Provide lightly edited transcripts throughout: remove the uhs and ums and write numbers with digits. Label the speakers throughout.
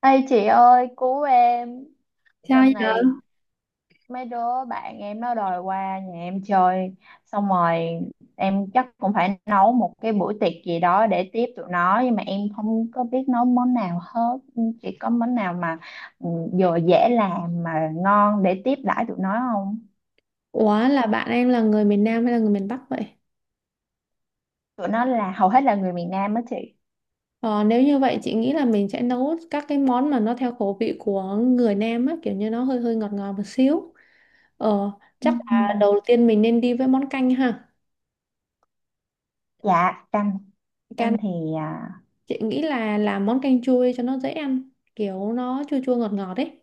Speaker 1: Ê chị ơi cứu em.
Speaker 2: Sao
Speaker 1: Tuần
Speaker 2: giờ?
Speaker 1: này mấy đứa bạn em nó đòi qua nhà em chơi. Xong rồi em chắc cũng phải nấu một cái buổi tiệc gì đó để tiếp tụi nó. Nhưng mà em không có biết nấu món nào hết. Chị có món nào mà ừ, vừa dễ làm mà ngon để tiếp đãi tụi nó không?
Speaker 2: Ủa là bạn em là người miền Nam hay là người miền Bắc vậy?
Speaker 1: Tụi nó là hầu hết là người miền Nam á chị.
Speaker 2: Ờ, Nếu như vậy chị nghĩ là mình sẽ nấu các cái món mà nó theo khẩu vị của người Nam á, kiểu như nó hơi hơi ngọt ngọt một xíu. Ờ,
Speaker 1: Ừ,
Speaker 2: Chắc
Speaker 1: ừ.
Speaker 2: là đầu tiên mình nên đi với món canh ha.
Speaker 1: Dạ canh. Canh
Speaker 2: Canh
Speaker 1: thì à,
Speaker 2: chị nghĩ là làm món canh chua cho nó dễ ăn, kiểu nó chua chua ngọt ngọt ấy.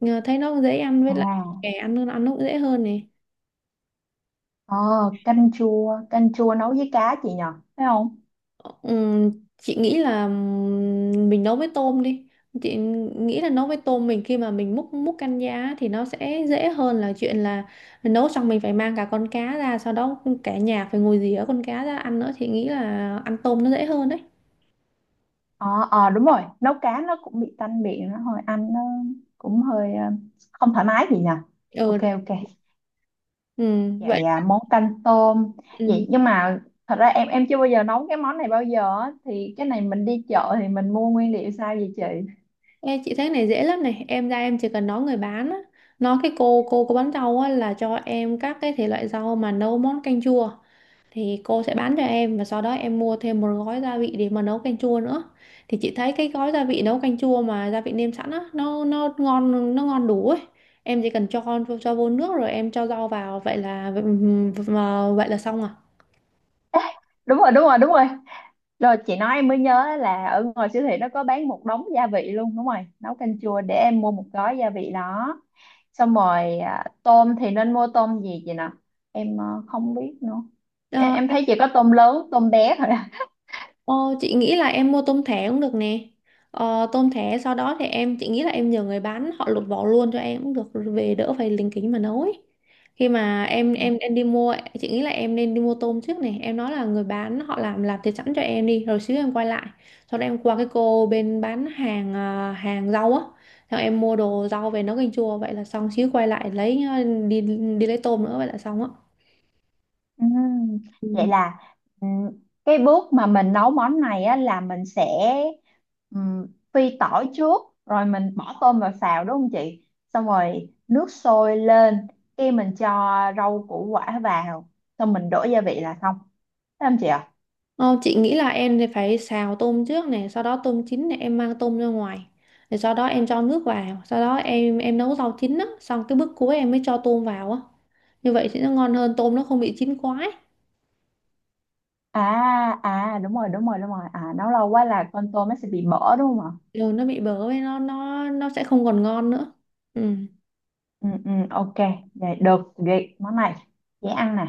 Speaker 2: Nhờ thấy nó dễ ăn với lại
Speaker 1: à
Speaker 2: trẻ ăn nó ăn cũng dễ hơn này.
Speaker 1: ờ, canh chua. Canh chua nấu với cá chị nhờ? Phải không?
Speaker 2: Ừm, chị nghĩ là mình nấu với tôm đi, chị nghĩ là nấu với tôm mình khi mà mình múc múc canh giá thì nó sẽ dễ hơn là chuyện là nấu xong mình phải mang cả con cá ra, sau đó cả nhà phải ngồi rỉa con cá ra ăn nữa, chị nghĩ là ăn tôm nó dễ hơn đấy.
Speaker 1: Ờ, đúng rồi, nấu cá nó cũng bị tanh miệng, nó hơi ăn nó cũng hơi không thoải mái gì nhỉ. Ok
Speaker 2: ừ,
Speaker 1: ok.
Speaker 2: ừ vậy
Speaker 1: Vậy à, món canh tôm.
Speaker 2: ừ.
Speaker 1: Vậy nhưng mà thật ra em chưa bao giờ nấu cái món này bao giờ á. Thì cái này mình đi chợ thì mình mua nguyên liệu sao vậy chị?
Speaker 2: Ê, chị thấy cái này dễ lắm này, em ra em chỉ cần nói người bán á, nói cái cô bán rau á là cho em các cái thể loại rau mà nấu món canh chua thì cô sẽ bán cho em, và sau đó em mua thêm một gói gia vị để mà nấu canh chua nữa. Thì chị thấy cái gói gia vị nấu canh chua mà gia vị nêm sẵn á, nó ngon đủ ấy. Em chỉ cần cho vô nước rồi em cho rau vào, vậy là xong à.
Speaker 1: Đúng rồi. Rồi chị nói em mới nhớ là ở ngoài siêu thị nó có bán một đống gia vị luôn, đúng rồi. Nấu canh chua, để em mua một gói gia vị đó. Xong rồi à, tôm thì nên mua tôm gì vậy nè? Em không biết nữa. em,
Speaker 2: Ờ,
Speaker 1: em thấy chỉ có tôm lớn tôm bé thôi à.
Speaker 2: Ờ, chị nghĩ là em mua tôm thẻ cũng được nè. Ờ, tôm thẻ, sau đó thì em chị nghĩ là em nhờ người bán họ lột vỏ luôn cho em cũng được, về đỡ phải lính kính mà nấu ấy. Khi mà em em em đi mua, chị nghĩ là em nên đi mua tôm trước này. Em nói là người bán họ làm thịt sẵn cho em đi, rồi xíu em quay lại. Sau đó em qua cái cô bên bán hàng à, hàng rau á. Xong em mua đồ rau về nấu canh chua, vậy là xong, xíu quay lại lấy đi đi lấy tôm nữa, vậy là xong á.
Speaker 1: Ừm, vậy là ừm, cái bước mà mình nấu món này á, là mình sẽ ừm, phi tỏi trước rồi mình bỏ tôm vào xào, đúng không chị? Xong rồi nước sôi lên cái mình cho rau củ quả vào, xong mình đổ gia vị là xong. Thấy không chị ạ?
Speaker 2: Ờ, chị nghĩ là em thì phải xào tôm trước này, sau đó tôm chín này em mang tôm ra ngoài. Rồi sau đó em cho nước vào, sau đó em nấu rau chín á, xong cái bước cuối em mới cho tôm vào á. Như vậy thì nó ngon hơn, tôm nó không bị chín quá ấy.
Speaker 1: À, đúng rồi, đúng rồi, à nấu lâu quá là con tôm nó sẽ bị mỡ đúng không ạ?
Speaker 2: Rồi nó bị bở với nó sẽ không còn ngon nữa. Ừ.
Speaker 1: Ừ, ok. Vậy được, vậy món này dễ ăn nè.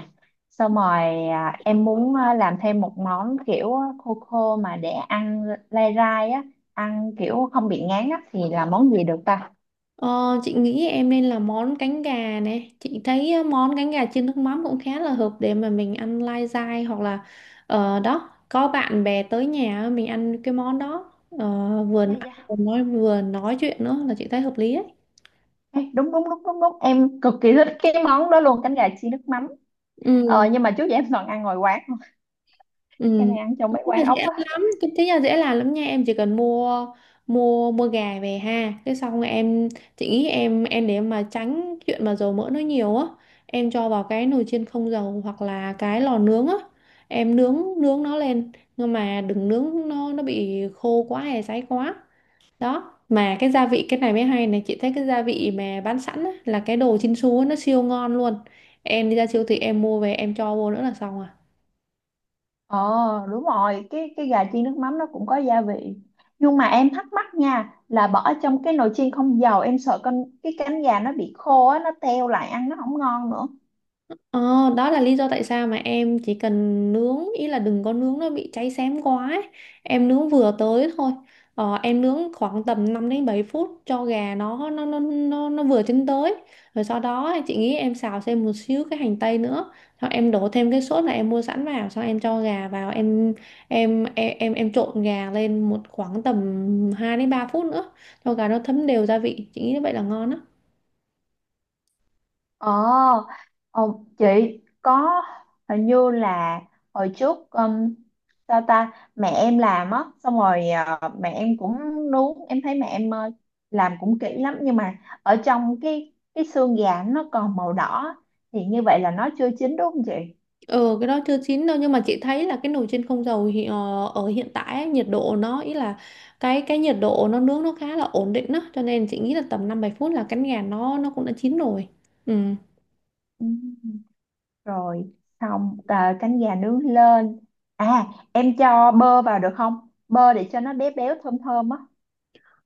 Speaker 1: Xong rồi à, em muốn à, làm thêm một món kiểu à, khô khô mà để ăn lai rai á, ăn kiểu không bị ngán á, thì là món gì được ta?
Speaker 2: Ờ, chị nghĩ em nên là món cánh gà nè, chị thấy món cánh gà chiên nước mắm cũng khá là hợp để mà mình ăn lai dai, hoặc là đó, có bạn bè tới nhà mình ăn cái món đó. Ờ, vừa
Speaker 1: Dạ
Speaker 2: ăn
Speaker 1: dạ.
Speaker 2: vừa nói chuyện nữa là chị thấy hợp lý ấy.
Speaker 1: Ê, đúng đúng đúng đúng đúng em cực kỳ thích cái món đó luôn, cánh gà chiên nước mắm.
Speaker 2: Ừ
Speaker 1: Nhưng mà trước giờ em toàn ăn ngoài quán, em
Speaker 2: Ừ.
Speaker 1: hay ăn trong
Speaker 2: Cái
Speaker 1: mấy
Speaker 2: nhà
Speaker 1: quán ốc
Speaker 2: dễ
Speaker 1: á.
Speaker 2: lắm, cái nhà dễ làm lắm nha, em chỉ cần mua mua mua gà về ha, cái xong rồi em, chị nghĩ em để mà tránh chuyện mà dầu mỡ nó nhiều á, em cho vào cái nồi chiên không dầu, hoặc là cái lò nướng á, em nướng nướng nó lên, nhưng mà đừng nướng nó bị khô quá hay cháy quá. Đó, mà cái gia vị cái này mới hay này, chị thấy cái gia vị mà bán sẵn á, là cái đồ Chinsu á, nó siêu ngon luôn. Em đi ra siêu thị em mua về em cho vô nữa là xong à.
Speaker 1: Ờ đúng rồi, cái gà chiên nước mắm nó cũng có gia vị, nhưng mà em thắc mắc nha là bỏ trong cái nồi chiên không dầu em sợ con cái cánh gà nó bị khô á, nó teo lại ăn nó không ngon nữa.
Speaker 2: Ờ, đó là lý do tại sao mà em chỉ cần nướng, ý là đừng có nướng nó bị cháy xém quá ấy. Em nướng vừa tới thôi, em nướng khoảng tầm 5 đến 7 phút cho gà nó vừa chín tới, rồi sau đó chị nghĩ em xào thêm một xíu cái hành tây nữa, xong em đổ thêm cái sốt mà em mua sẵn vào, xong em cho gà vào, em trộn gà lên một khoảng tầm 2 đến 3 phút nữa cho gà nó thấm đều gia vị, chị nghĩ như vậy là ngon á.
Speaker 1: ờ ờ, chị có hình như là hồi trước ta ta mẹ em làm á, xong rồi mẹ em cũng nướng. Em thấy mẹ em làm cũng kỹ lắm, nhưng mà ở trong cái xương gà nó còn màu đỏ, thì như vậy là nó chưa chín đúng không chị?
Speaker 2: Ừ, cái đó chưa chín đâu, nhưng mà chị thấy là cái nồi chiên không dầu thì, ờ, ở hiện tại ấy, nhiệt độ nó, ý là cái nhiệt độ nó nướng nó khá là ổn định đó, cho nên chị nghĩ là tầm 5 7 phút là cánh gà nó cũng đã chín rồi. Ừ.
Speaker 1: Ừ. Rồi xong à, cánh gà nướng lên à, em cho bơ vào được không, bơ để cho nó béo béo thơm thơm á?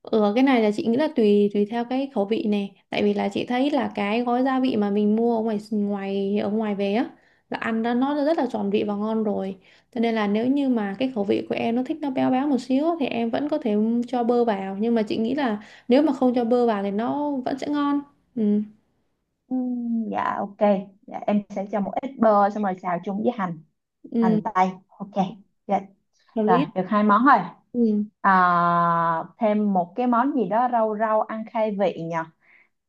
Speaker 2: Ừ, cái này là chị nghĩ là tùy tùy theo cái khẩu vị này, tại vì là chị thấy là cái gói gia vị mà mình mua ở ngoài ngoài ở ngoài về á là ăn đó nó rất là tròn vị và ngon rồi, cho nên là nếu như mà cái khẩu vị của em nó thích nó béo béo một xíu á, thì em vẫn có thể cho bơ vào, nhưng mà chị nghĩ là nếu mà không cho bơ vào thì nó vẫn sẽ ngon. Ừ,
Speaker 1: Dạ ok, dạ, em sẽ cho một ít bơ xong rồi xào chung với hành
Speaker 2: ừ,
Speaker 1: hành tây. Ok dạ.
Speaker 2: hợp
Speaker 1: Rồi
Speaker 2: lý
Speaker 1: được hai món rồi.
Speaker 2: ừ.
Speaker 1: À, thêm một cái món gì đó rau rau ăn khai vị nhờ.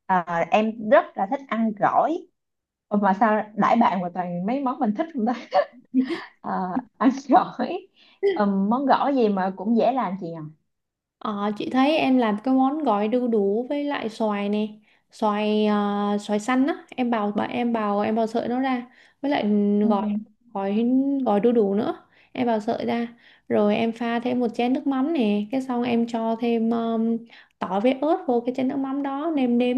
Speaker 1: À, em rất là thích ăn gỏi. Ủa mà sao đãi bạn mà toàn mấy món mình thích không ta? À, ăn gỏi. Món gỏi gì mà cũng dễ làm chị nhỉ?
Speaker 2: Ờ, chị thấy em làm cái món gỏi đu đủ với lại xoài nè, xoài xoài xanh á, em bào bà em bào sợi nó ra, với lại
Speaker 1: Ừ.
Speaker 2: gỏi gỏi gỏi đu đủ nữa, em bào sợi ra, rồi em pha thêm một chén nước mắm nè, cái xong em cho thêm tỏi với ớt vô cái chén nước mắm đó, nêm nếm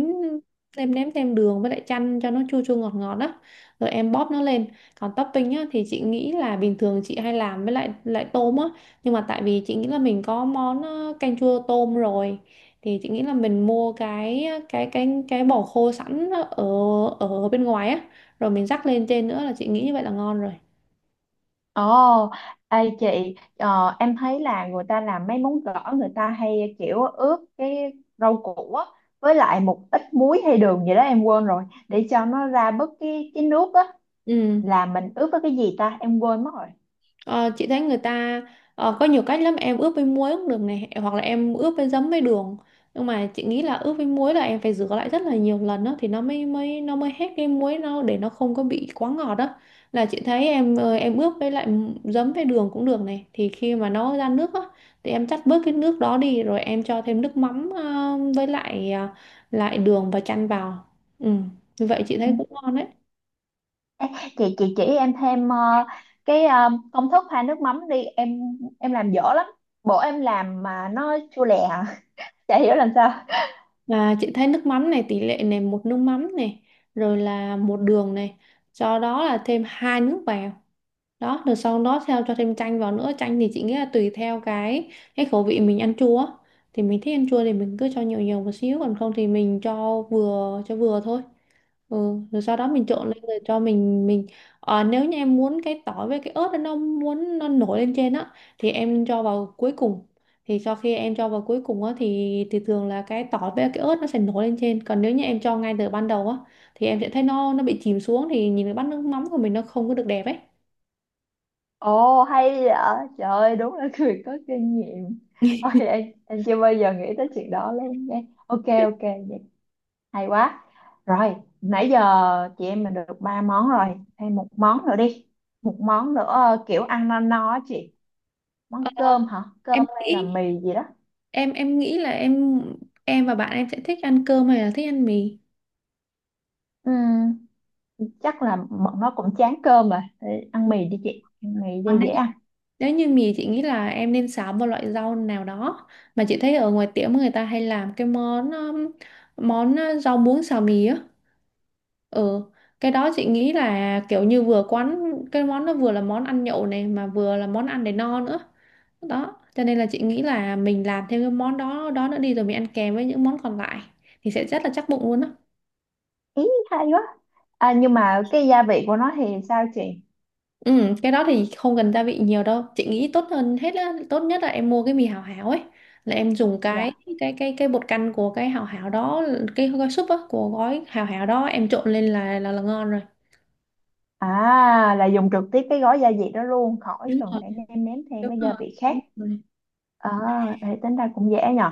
Speaker 2: nêm nếm thêm đường với lại chanh cho nó chua chua ngọt ngọt đó, rồi em bóp nó lên. Còn topping á thì chị nghĩ là bình thường chị hay làm với lại lại tôm á, nhưng mà tại vì chị nghĩ là mình có món canh chua tôm rồi, thì chị nghĩ là mình mua cái cái bò khô sẵn ở ở bên ngoài á, rồi mình rắc lên trên nữa là chị nghĩ như vậy là ngon rồi.
Speaker 1: Ồ, ê chị, em thấy là người ta làm mấy món gỏi người ta hay kiểu ướp cái rau củ á, với lại một ít muối hay đường gì đó em quên rồi, để cho nó ra bớt cái nước á,
Speaker 2: Ừ.
Speaker 1: là mình ướp với cái gì ta, em quên mất rồi.
Speaker 2: Ờ, chị thấy người ta có nhiều cách lắm, em ướp với muối cũng được này, hoặc là em ướp với giấm với đường, nhưng mà chị nghĩ là ướp với muối là em phải rửa lại rất là nhiều lần đó thì nó mới mới nó mới hết cái muối nó, để nó không có bị quá ngọt đó. Là chị thấy em em ướp với lại giấm với đường cũng được này, thì khi mà nó ra nước á thì em chắt bớt cái nước đó đi, rồi em cho thêm nước mắm lại đường và chan vào. Ừ. Như vậy chị
Speaker 1: Ừ.
Speaker 2: thấy cũng ngon đấy.
Speaker 1: Ê, chị chỉ em thêm cái công thức pha nước mắm đi em làm dở lắm, bữa em làm mà nó chua lè à. Chả hiểu làm sao.
Speaker 2: Và chị thấy nước mắm này tỷ lệ này, một nước mắm này, rồi là một đường này, do đó là thêm hai nước vào đó, rồi sau đó theo cho thêm chanh vào nữa, chanh thì chị nghĩ là tùy theo cái khẩu vị mình ăn chua á, thì mình thích ăn chua thì mình cứ cho nhiều nhiều một xíu, còn không thì mình cho vừa thôi. Ừ. Rồi sau đó mình trộn lên rồi cho mình nếu như em muốn cái tỏi với cái ớt đó, nó muốn nó nổi lên trên á thì em cho vào cuối cùng, thì sau khi em cho vào cuối cùng á thì thường là cái tỏi với cái ớt nó sẽ nổi lên trên, còn nếu như em cho ngay từ ban đầu á thì em sẽ thấy nó bị chìm xuống, thì nhìn cái bát nước mắm của mình nó không có được đẹp ấy.
Speaker 1: Ồ hay vậy, trời ơi đúng là người có kinh nghiệm. Ôi em chưa bao giờ nghĩ tới chuyện đó luôn nha. Ok ok vậy hay quá. Rồi nãy giờ chị em mình được ba món rồi, thêm một món nữa đi. Một món nữa kiểu ăn no no á chị.
Speaker 2: Ờ,
Speaker 1: Món cơm hả? Cơm
Speaker 2: em
Speaker 1: hay là
Speaker 2: nghĩ,
Speaker 1: mì gì đó?
Speaker 2: em nghĩ là em và bạn em sẽ thích ăn cơm hay là thích ăn mì.
Speaker 1: Ừm, Chắc là bọn nó cũng chán cơm rồi. Thì ăn mì đi chị, ăn mì cho
Speaker 2: Ờ,
Speaker 1: dễ ăn.
Speaker 2: nếu như mì chị nghĩ là em nên xào một loại rau nào đó, mà chị thấy ở ngoài tiệm người ta hay làm cái món món rau muống xào mì á. Ừ, cái đó chị nghĩ là kiểu như vừa quán cái món, nó vừa là món ăn nhậu này, mà vừa là món ăn để no nữa. Đó, cho nên là chị nghĩ là mình làm thêm cái món đó đó nữa đi, rồi mình ăn kèm với những món còn lại thì sẽ rất là chắc bụng luôn á.
Speaker 1: Ý hay quá. À, nhưng mà cái gia vị của nó thì sao chị?
Speaker 2: Ừ, cái đó thì không cần gia vị nhiều đâu. Chị nghĩ tốt hơn hết á, tốt nhất là em mua cái mì Hảo Hảo ấy, là em dùng cái
Speaker 1: Dạ.
Speaker 2: cái bột canh của cái Hảo Hảo đó, cái gói súp á, của gói Hảo Hảo đó em trộn lên là là ngon rồi.
Speaker 1: À là dùng trực tiếp cái gói gia vị đó luôn, khỏi
Speaker 2: Đúng
Speaker 1: cần
Speaker 2: rồi,
Speaker 1: phải nêm nếm thêm
Speaker 2: đúng
Speaker 1: mấy gia
Speaker 2: rồi.
Speaker 1: vị khác.
Speaker 2: Đúng rồi.
Speaker 1: À, thì tính ra cũng dễ nhờ.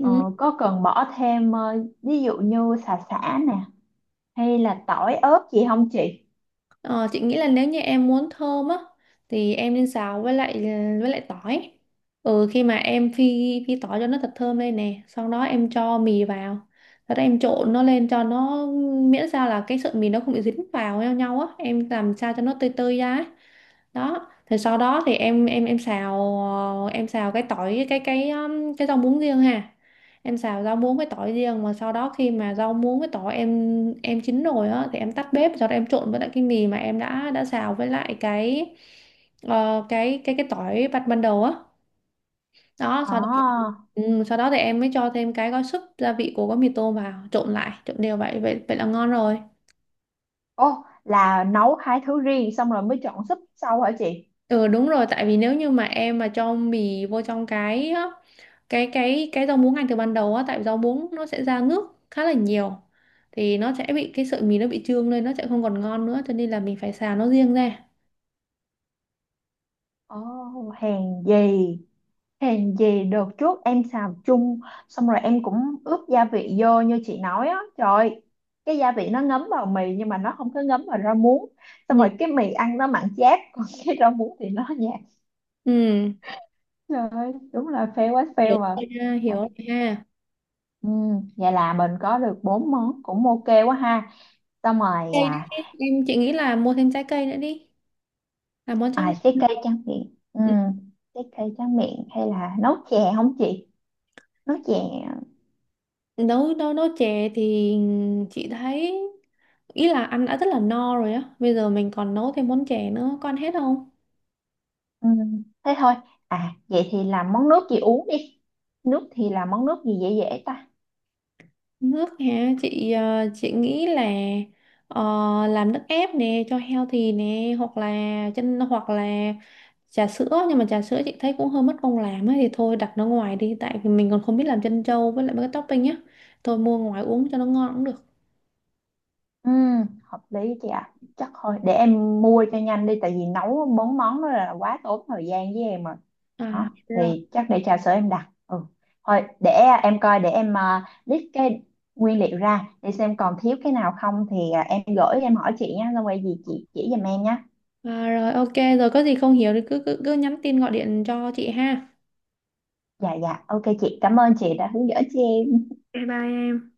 Speaker 1: Ờ, có cần bỏ thêm ví dụ như xà xả nè hay là tỏi ớt gì không chị?
Speaker 2: Ờ, chị nghĩ là nếu như em muốn thơm á thì em nên xào với lại tỏi. Ừ, khi mà em phi phi tỏi cho nó thật thơm lên nè, sau đó em cho mì vào. Sau đó em trộn nó lên cho nó, miễn sao là cái sợi mì nó không bị dính vào nhau nhau á, em làm sao cho nó tơi tơi ra ấy. Đó thì sau đó thì em xào em xào cái tỏi cái rau muống riêng ha, em xào rau muống với tỏi riêng mà sau đó khi mà rau muống với tỏi em chín rồi á thì em tắt bếp, sau đó em trộn với lại cái mì mà em đã xào với lại cái cái tỏi bắt ban đầu á, đó sau đó
Speaker 1: À,
Speaker 2: ừ, sau đó thì em mới cho thêm cái gói súp gia vị của gói mì tôm vào, trộn lại trộn đều vậy vậy vậy là ngon rồi.
Speaker 1: ô là nấu hai thứ riêng xong rồi mới chọn súp sau hả chị?
Speaker 2: Ừ đúng rồi, tại vì nếu như mà em mà cho mì vô trong cái rau muống ngay từ ban đầu á, tại rau muống nó sẽ ra nước khá là nhiều thì nó sẽ bị cái sợi mì nó bị trương lên, nó sẽ không còn ngon nữa, cho nên là mình phải xào nó riêng ra.
Speaker 1: Ồ, hèn gì hèn gì đợt trước em xào chung xong rồi em cũng ướp gia vị vô như chị nói á, trời ơi, cái gia vị nó ngấm vào mì nhưng mà nó không có ngấm vào rau muống,
Speaker 2: Ừ.
Speaker 1: xong rồi cái mì ăn nó mặn chát còn cái rau muống thì nó nhạt.
Speaker 2: ừ,
Speaker 1: Trời ơi, đúng là fail quá
Speaker 2: hiểu
Speaker 1: fail mà.
Speaker 2: rồi ha, hiểu
Speaker 1: À,
Speaker 2: rồi ha.
Speaker 1: ừ, vậy là mình có được bốn món cũng ok quá ha. Xong rồi
Speaker 2: Cây
Speaker 1: à,
Speaker 2: đấy, em chị nghĩ là mua thêm trái cây nữa đi, làm món tráng
Speaker 1: à cái
Speaker 2: miệng.
Speaker 1: cây tráng miệng ừ,
Speaker 2: Ừ,
Speaker 1: cái cây tráng miệng hay là nấu chè không chị? Nấu chè.
Speaker 2: nấu nấu nấu chè thì chị thấy ý là ăn đã rất là no rồi á, bây giờ mình còn nấu thêm món chè nữa có hết không.
Speaker 1: Ừ, thế thôi. À, vậy thì làm món nước gì uống đi. Nước thì làm món nước gì dễ dễ ta?
Speaker 2: Nước hả? Chị chị nghĩ là ờ, làm nước ép nè cho healthy nè, hoặc là chân, hoặc là trà sữa, nhưng mà trà sữa chị thấy cũng hơi mất công làm ấy, thì thôi đặt nó ngoài đi, tại vì mình còn không biết làm chân trâu với lại mấy cái topping nhá. Thôi mua ngoài uống cho nó ngon cũng được.
Speaker 1: Ừ, hợp lý chị ạ. Chắc thôi, để em mua cho nhanh đi, tại vì nấu bốn món đó là quá tốn thời gian với em rồi. Đó,
Speaker 2: À rồi.
Speaker 1: thì chắc để trà sữa em đặt. Ừ, thôi, để em coi, để em list cái nguyên liệu ra, để xem còn thiếu cái nào không thì à, em gửi em hỏi chị nha, xong rồi gì chị chỉ giùm em nhé.
Speaker 2: À, rồi ok, rồi có gì không hiểu thì cứ cứ cứ nhắn tin gọi điện cho chị ha.
Speaker 1: Dạ dạ, ok chị, cảm ơn chị đã hướng dẫn cho em.
Speaker 2: Bye bye em.